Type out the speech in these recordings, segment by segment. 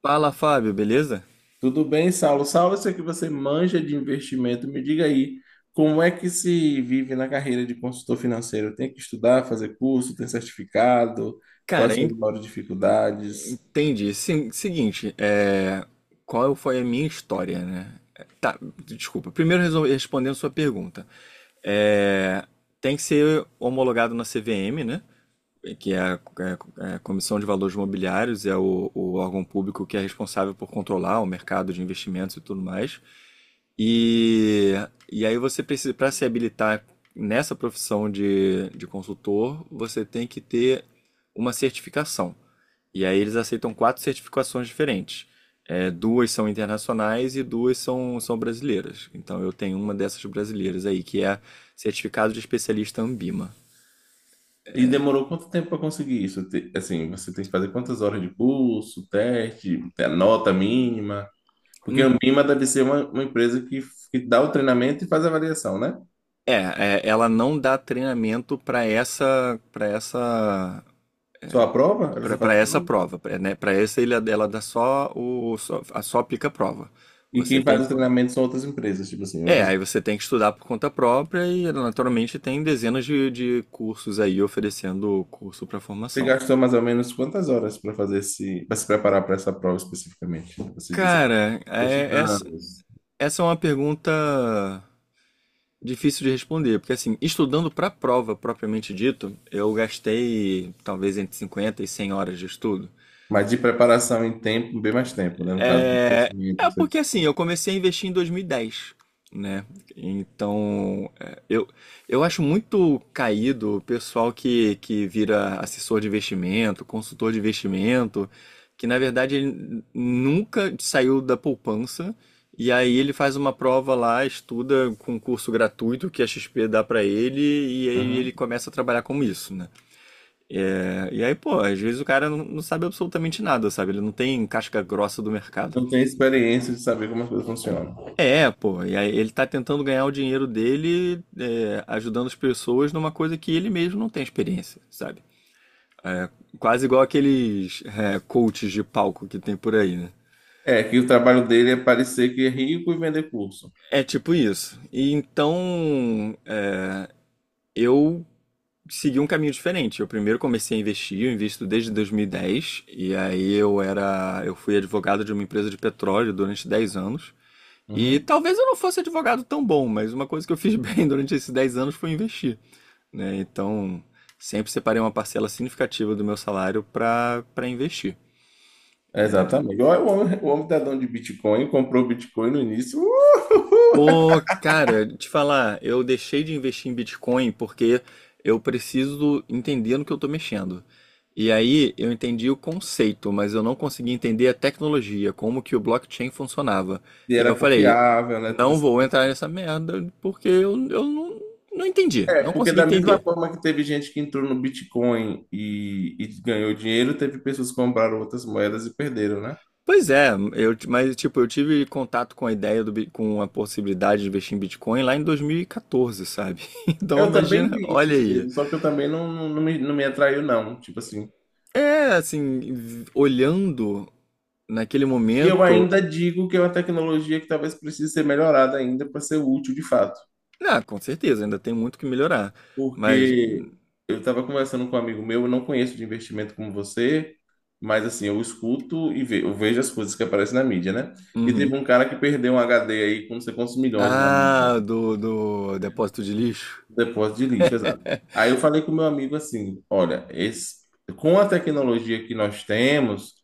Fala, Fábio, beleza? Tudo bem, Saulo? Saulo, eu sei que você manja de investimento. Me diga aí, como é que se vive na carreira de consultor financeiro? Tem que estudar, fazer curso, tem certificado? Quais Cara, são as maiores dificuldades? entendi. Sim, seguinte, qual foi a minha história, né? Tá, desculpa. Primeiro respondendo sua pergunta. É... Tem que ser homologado na CVM, né? Que é a Comissão de Valores Mobiliários, é o órgão público que é responsável por controlar o mercado de investimentos e tudo mais. E, e aí você precisa, para se habilitar nessa profissão de consultor, você tem que ter uma certificação. E aí eles aceitam quatro certificações diferentes. Duas são internacionais e duas são brasileiras. Então eu tenho uma dessas brasileiras aí, que é certificado de especialista Ambima. E demorou quanto tempo para conseguir isso? Assim, você tem que fazer quantas horas de curso, teste, a nota mínima? Porque Em a mínima deve ser uma empresa que dá o treinamento e faz a avaliação, né? É, ela não dá treinamento Só aprova? Ela só faz para a essa prova? prova, pra, né? Para essa ilha dela dá só aplica a prova. E Você quem tem faz que, o treinamento são outras empresas, tipo assim, outras. Você tem que estudar por conta própria e naturalmente tem dezenas de cursos aí oferecendo curso para Você formação. gastou mais ou menos quantas horas para fazer para se preparar para essa prova especificamente? Você diz assim, Cara, é, "Ah, essa, 2 anos." essa é uma pergunta difícil de responder, porque assim, estudando para a prova propriamente dito, eu gastei talvez entre 50 e 100 horas de estudo. Mas de preparação em tempo, bem mais tempo, né? No caso do É, conhecimento. É Você... porque assim, eu comecei a investir em 2010, né? Então, eu acho muito caído o pessoal que vira assessor de investimento, consultor de investimento, que na verdade ele nunca saiu da poupança e aí ele faz uma prova lá, estuda com um curso gratuito que a XP dá pra ele e aí ele Uhum. começa a trabalhar com isso, né? E aí, pô, às vezes o cara não sabe absolutamente nada, sabe? Ele não tem casca grossa do mercado. Não tem experiência de saber como as coisas funcionam. Pô, e aí ele tá tentando ganhar o dinheiro dele, ajudando as pessoas numa coisa que ele mesmo não tem experiência, sabe? Quase igual aqueles coaches de palco que tem por aí, né? É, que o trabalho dele é parecer que é rico e vender curso. É tipo isso. E então eu segui um caminho diferente. Eu primeiro comecei a investir, eu invisto desde 2010, e aí eu fui advogado de uma empresa de petróleo durante 10 anos. E Uhum. talvez eu não fosse advogado tão bom, mas uma coisa que eu fiz bem durante esses 10 anos foi investir. Né? Então, sempre separei uma parcela significativa do meu salário para investir. Exatamente. Olha, o homem tá dono de Bitcoin, comprou Bitcoin no início, uhul! Pô, cara, te falar, eu deixei de investir em Bitcoin porque eu preciso entender no que eu tô mexendo. E aí eu entendi o conceito, mas eu não consegui entender a tecnologia, como que o blockchain funcionava. E E aí eu era falei, confiável, né? Tudo não assim. vou entrar nessa merda porque eu não, não entendi, É, não porque consegui da mesma entender. forma que teve gente que entrou no Bitcoin e ganhou dinheiro, teve pessoas que compraram outras moedas e perderam, né? Pois é, mas tipo, eu tive contato com a ideia com a possibilidade de investir em Bitcoin lá em 2014, sabe? Então Eu também imagina, vi isso olha aí. cedo, só que eu também não me atraiu, não, tipo assim. Olhando naquele E eu momento, ainda digo que é uma tecnologia que talvez precise ser melhorada ainda para ser útil de fato. ah, com certeza, ainda tem muito que melhorar. Mas, Porque eu estava conversando com um amigo meu, eu não conheço de investimento como você, mas assim, eu escuto e eu vejo as coisas que aparecem na mídia, né? E uhum. teve um cara que perdeu um HD aí com não sei quantos milhões lá na Ah, Europa. Do depósito de lixo. Depósito de lixo, exato. Aí eu falei com meu amigo assim, olha, esse, com a tecnologia que nós temos,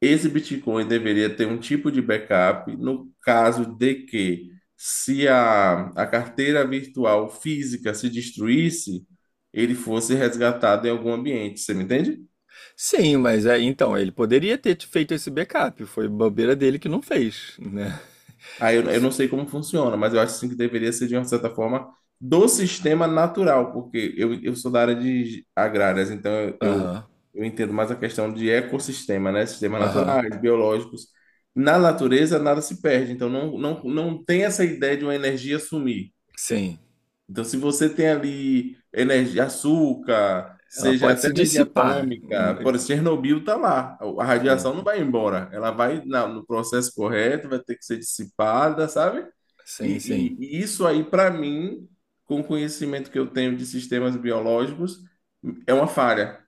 esse Bitcoin deveria ter um tipo de backup no caso de que, se a carteira virtual física se destruísse, ele fosse resgatado em algum ambiente. Você me entende? Sim, mas é, então, ele poderia ter feito esse backup, foi bobeira dele que não fez, né? Aí eu não sei como funciona, mas eu acho assim, que deveria ser de uma certa forma do sistema natural, porque eu sou da área de agrárias, então eu, eu, Aham, eu entendo mais a questão de ecossistema, né? Sistemas aham. naturais, biológicos. Na natureza, nada se perde, então não tem essa ideia de uma energia sumir. Sim, Então, se você tem ali energia, açúcar, ela seja pode até se energia dissipar. atômica, por exemplo, Chernobyl está lá. A Sim, radiação não vai embora. Ela vai no processo correto, vai ter que ser dissipada, sabe? E, sim, sim. e isso aí, para mim, com o conhecimento que eu tenho de sistemas biológicos, é uma falha.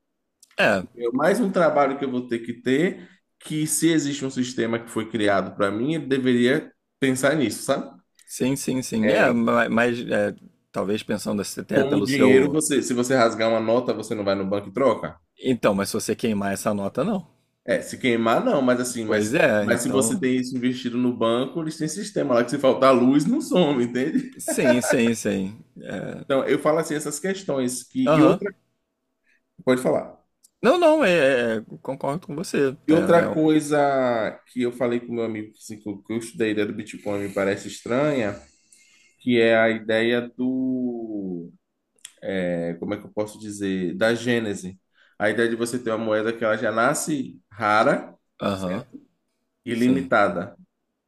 É, É mais um trabalho que eu vou ter, que se existe um sistema que foi criado para mim, ele deveria pensar nisso, sabe? sim, sim, sim. É. Mas talvez pensando assim, até Como o pelo dinheiro, seu. você, se você rasgar uma nota, você não vai no banco e troca? Então, mas se você queimar essa nota, não. É, se queimar, não, mas assim, Pois é, mas se você então. tem isso investido no banco, eles têm sistema lá que se faltar luz, não some, entende? Sim, sim, sim. É, Então, eu falo assim, essas questões que. E Aham. outra. Pode falar. Não, não, concordo com você. E outra coisa que eu falei com meu amigo assim, que eu estudei a ideia do Bitcoin me parece estranha, que é a ideia do. É, como é que eu posso dizer? Da gênese. A ideia de você ter uma moeda que ela já nasce rara, Aham, certo? sim, Ilimitada.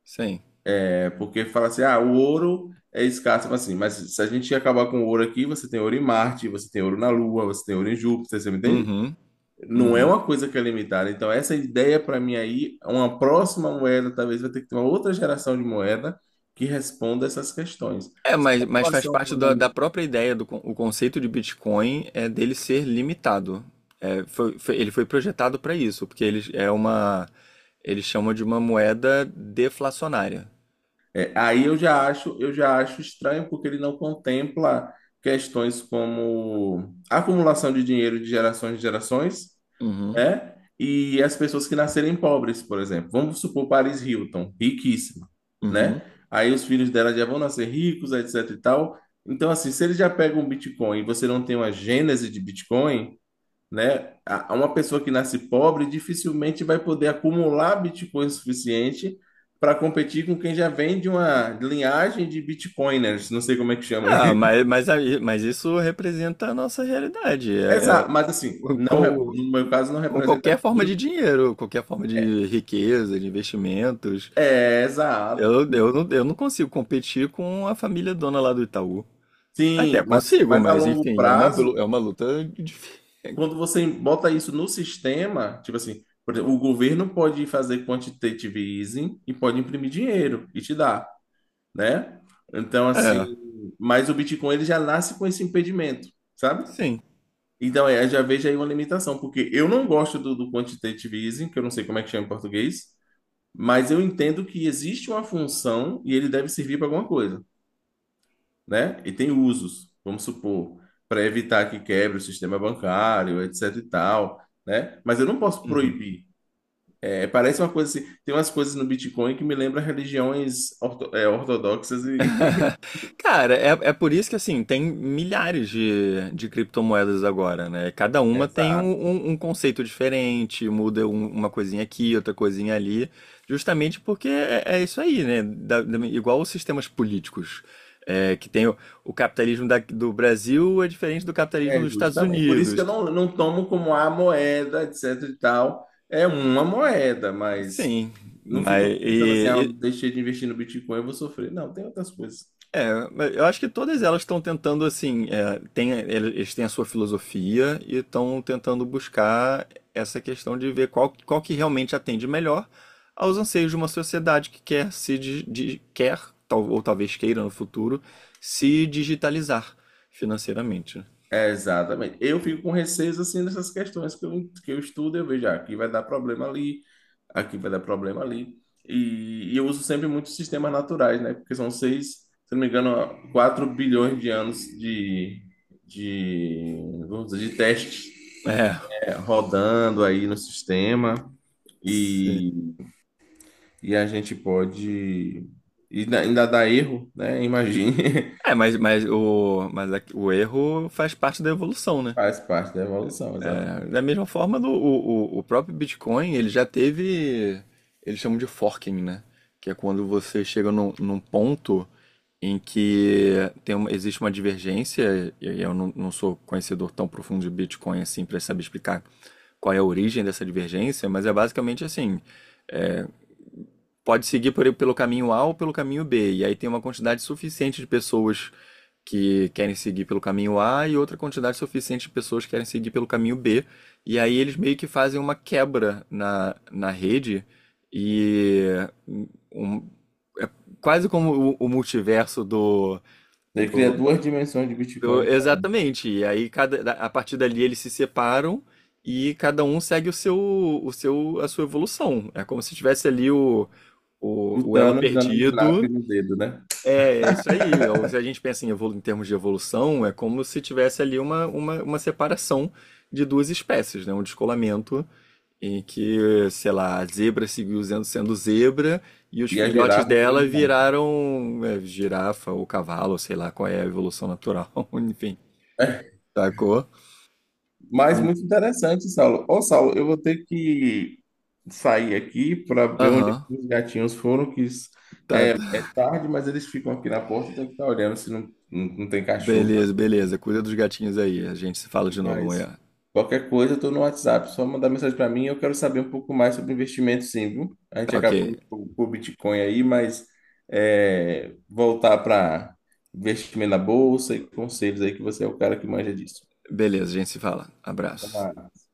sim. É porque fala assim, ah, o ouro é escasso, mas assim, mas se a gente acabar com o ouro aqui, você tem ouro em Marte, você tem ouro na Lua, você tem ouro em Júpiter, você me entende? Uhum, Não é uhum. uma coisa que é limitada. Então, essa ideia para mim aí, uma próxima moeda, talvez vai ter que ter uma outra geração de moeda que responda essas questões. Se a Mas faz população parte humana- da própria ideia o conceito de Bitcoin é dele ser limitado. Ele foi projetado para isso, porque ele é uma, eles chamam de uma moeda deflacionária. é, aí eu já acho estranho porque ele não contempla questões como acumulação de dinheiro de gerações em gerações, Uhum, né? E as pessoas que nascerem pobres, por exemplo. Vamos supor Paris Hilton, riquíssima, né? uhum. Aí os filhos dela já vão nascer ricos, etc e tal. Então, assim, se eles já pegam um Bitcoin e você não tem uma gênese de Bitcoin, né? Uma pessoa que nasce pobre dificilmente vai poder acumular Bitcoin suficiente para competir com quem já vem de uma linhagem de Bitcoiners, não sei como é que chama. Ah, mas isso representa a nossa realidade. Exato, mas assim, com, no meu caso não com representa. qualquer forma de dinheiro, qualquer forma de riqueza, de investimentos. É, exato. Eu não consigo competir com a família dona lá do Itaú. Até Sim, mas, consigo, mas a mas longo enfim, é prazo, é uma luta difícil. quando você bota isso no sistema, tipo assim, por exemplo, o governo pode fazer quantitative easing e pode imprimir dinheiro e te dar, né? Então, assim, É, mas o Bitcoin ele já nasce com esse impedimento, sabe? sim. Então, é, já vejo aí uma limitação, porque eu não gosto do quantitative easing, que eu não sei como é que chama em português, mas eu entendo que existe uma função e ele deve servir para alguma coisa. Né? E tem usos, vamos supor, para evitar que quebre o sistema bancário, etc e tal, né? Mas eu não posso Uhum. proibir. É, parece uma coisa assim, tem umas coisas no Bitcoin que me lembra religiões é, ortodoxas e... Cara, é por isso que assim, tem milhares de criptomoedas agora, né? Cada uma tem Exato. Um conceito diferente, muda uma coisinha aqui, outra coisinha ali, justamente porque é isso aí, né? Igual os sistemas políticos, que tem o capitalismo do Brasil é diferente do É, capitalismo dos Estados justamente. Por isso que Unidos. eu não tomo como a moeda, etc e tal. É uma moeda, mas Sim, não fico mas. pensando assim, ah, eu deixei de investir no Bitcoin, eu vou sofrer. Não, tem outras coisas. É, mas eu acho que todas elas estão tentando, assim, eles têm a sua filosofia e estão tentando buscar essa questão de ver qual que realmente atende melhor aos anseios de uma sociedade que quer se di- di- quer, ou talvez queira no futuro, se digitalizar financeiramente. Né? É, exatamente. Eu fico com receio assim dessas questões que que eu estudo, eu vejo, ah, aqui vai dar problema ali, aqui vai dar problema ali. E eu uso sempre muitos sistemas naturais, né? Porque são seis, se não me engano, 4 bilhões de anos de, vamos dizer, de testes, É, é, rodando aí no sistema. E, sim. e a gente pode. E ainda dá erro, né? Imagine. Mas, mas o erro faz parte da evolução, né? Faz parte da evolução, É, da exatamente. mesma forma, o próprio Bitcoin, ele já teve, eles chamam de forking, né? Que é quando você chega num ponto em que existe uma divergência, e aí eu não sou conhecedor tão profundo de Bitcoin assim para saber explicar qual é a origem dessa divergência, mas é basicamente assim, é, pode seguir pelo caminho A ou pelo caminho B, e aí tem uma quantidade suficiente de pessoas que querem seguir pelo caminho A e outra quantidade suficiente de pessoas que querem seguir pelo caminho B. E aí eles meio que fazem uma quebra na rede e um- um, é quase como o multiverso Daí cria do, duas dimensões de Bitcoin diferentes. exatamente. E aí a partir dali eles se separam e cada um segue a sua evolução. É como se tivesse ali O o elo Thanos dando snap perdido, no dedo, né? É isso aí. Ou se a gente pensa em, evolu em termos de evolução, é como se tivesse ali uma separação de duas espécies, né? Um descolamento em que, sei lá, a zebra seguiu sendo zebra e os E a filhotes girafa virou dela girafa. viraram girafa ou cavalo, sei lá qual é a evolução natural, enfim, sacou? Mas Sim. muito interessante, Saulo. Ô, Saulo, eu vou ter que sair aqui para ver onde Aham, os gatinhos foram, que tá, é tá. tarde, mas eles ficam aqui na porta, tem que estar olhando se não, não tem cachorro na Beleza, rua. beleza. Cuida dos gatinhos aí. A gente se fala de novo Mas amanhã. qualquer coisa, eu tô no WhatsApp, só mandar mensagem para mim. Eu quero saber um pouco mais sobre investimento, sim, viu? A gente Tá ok. acabou indo pro Bitcoin aí, mas é, voltar para investimento na bolsa e conselhos aí, que você é o cara que manja disso. Beleza, a gente se fala. Até Abraço. mais.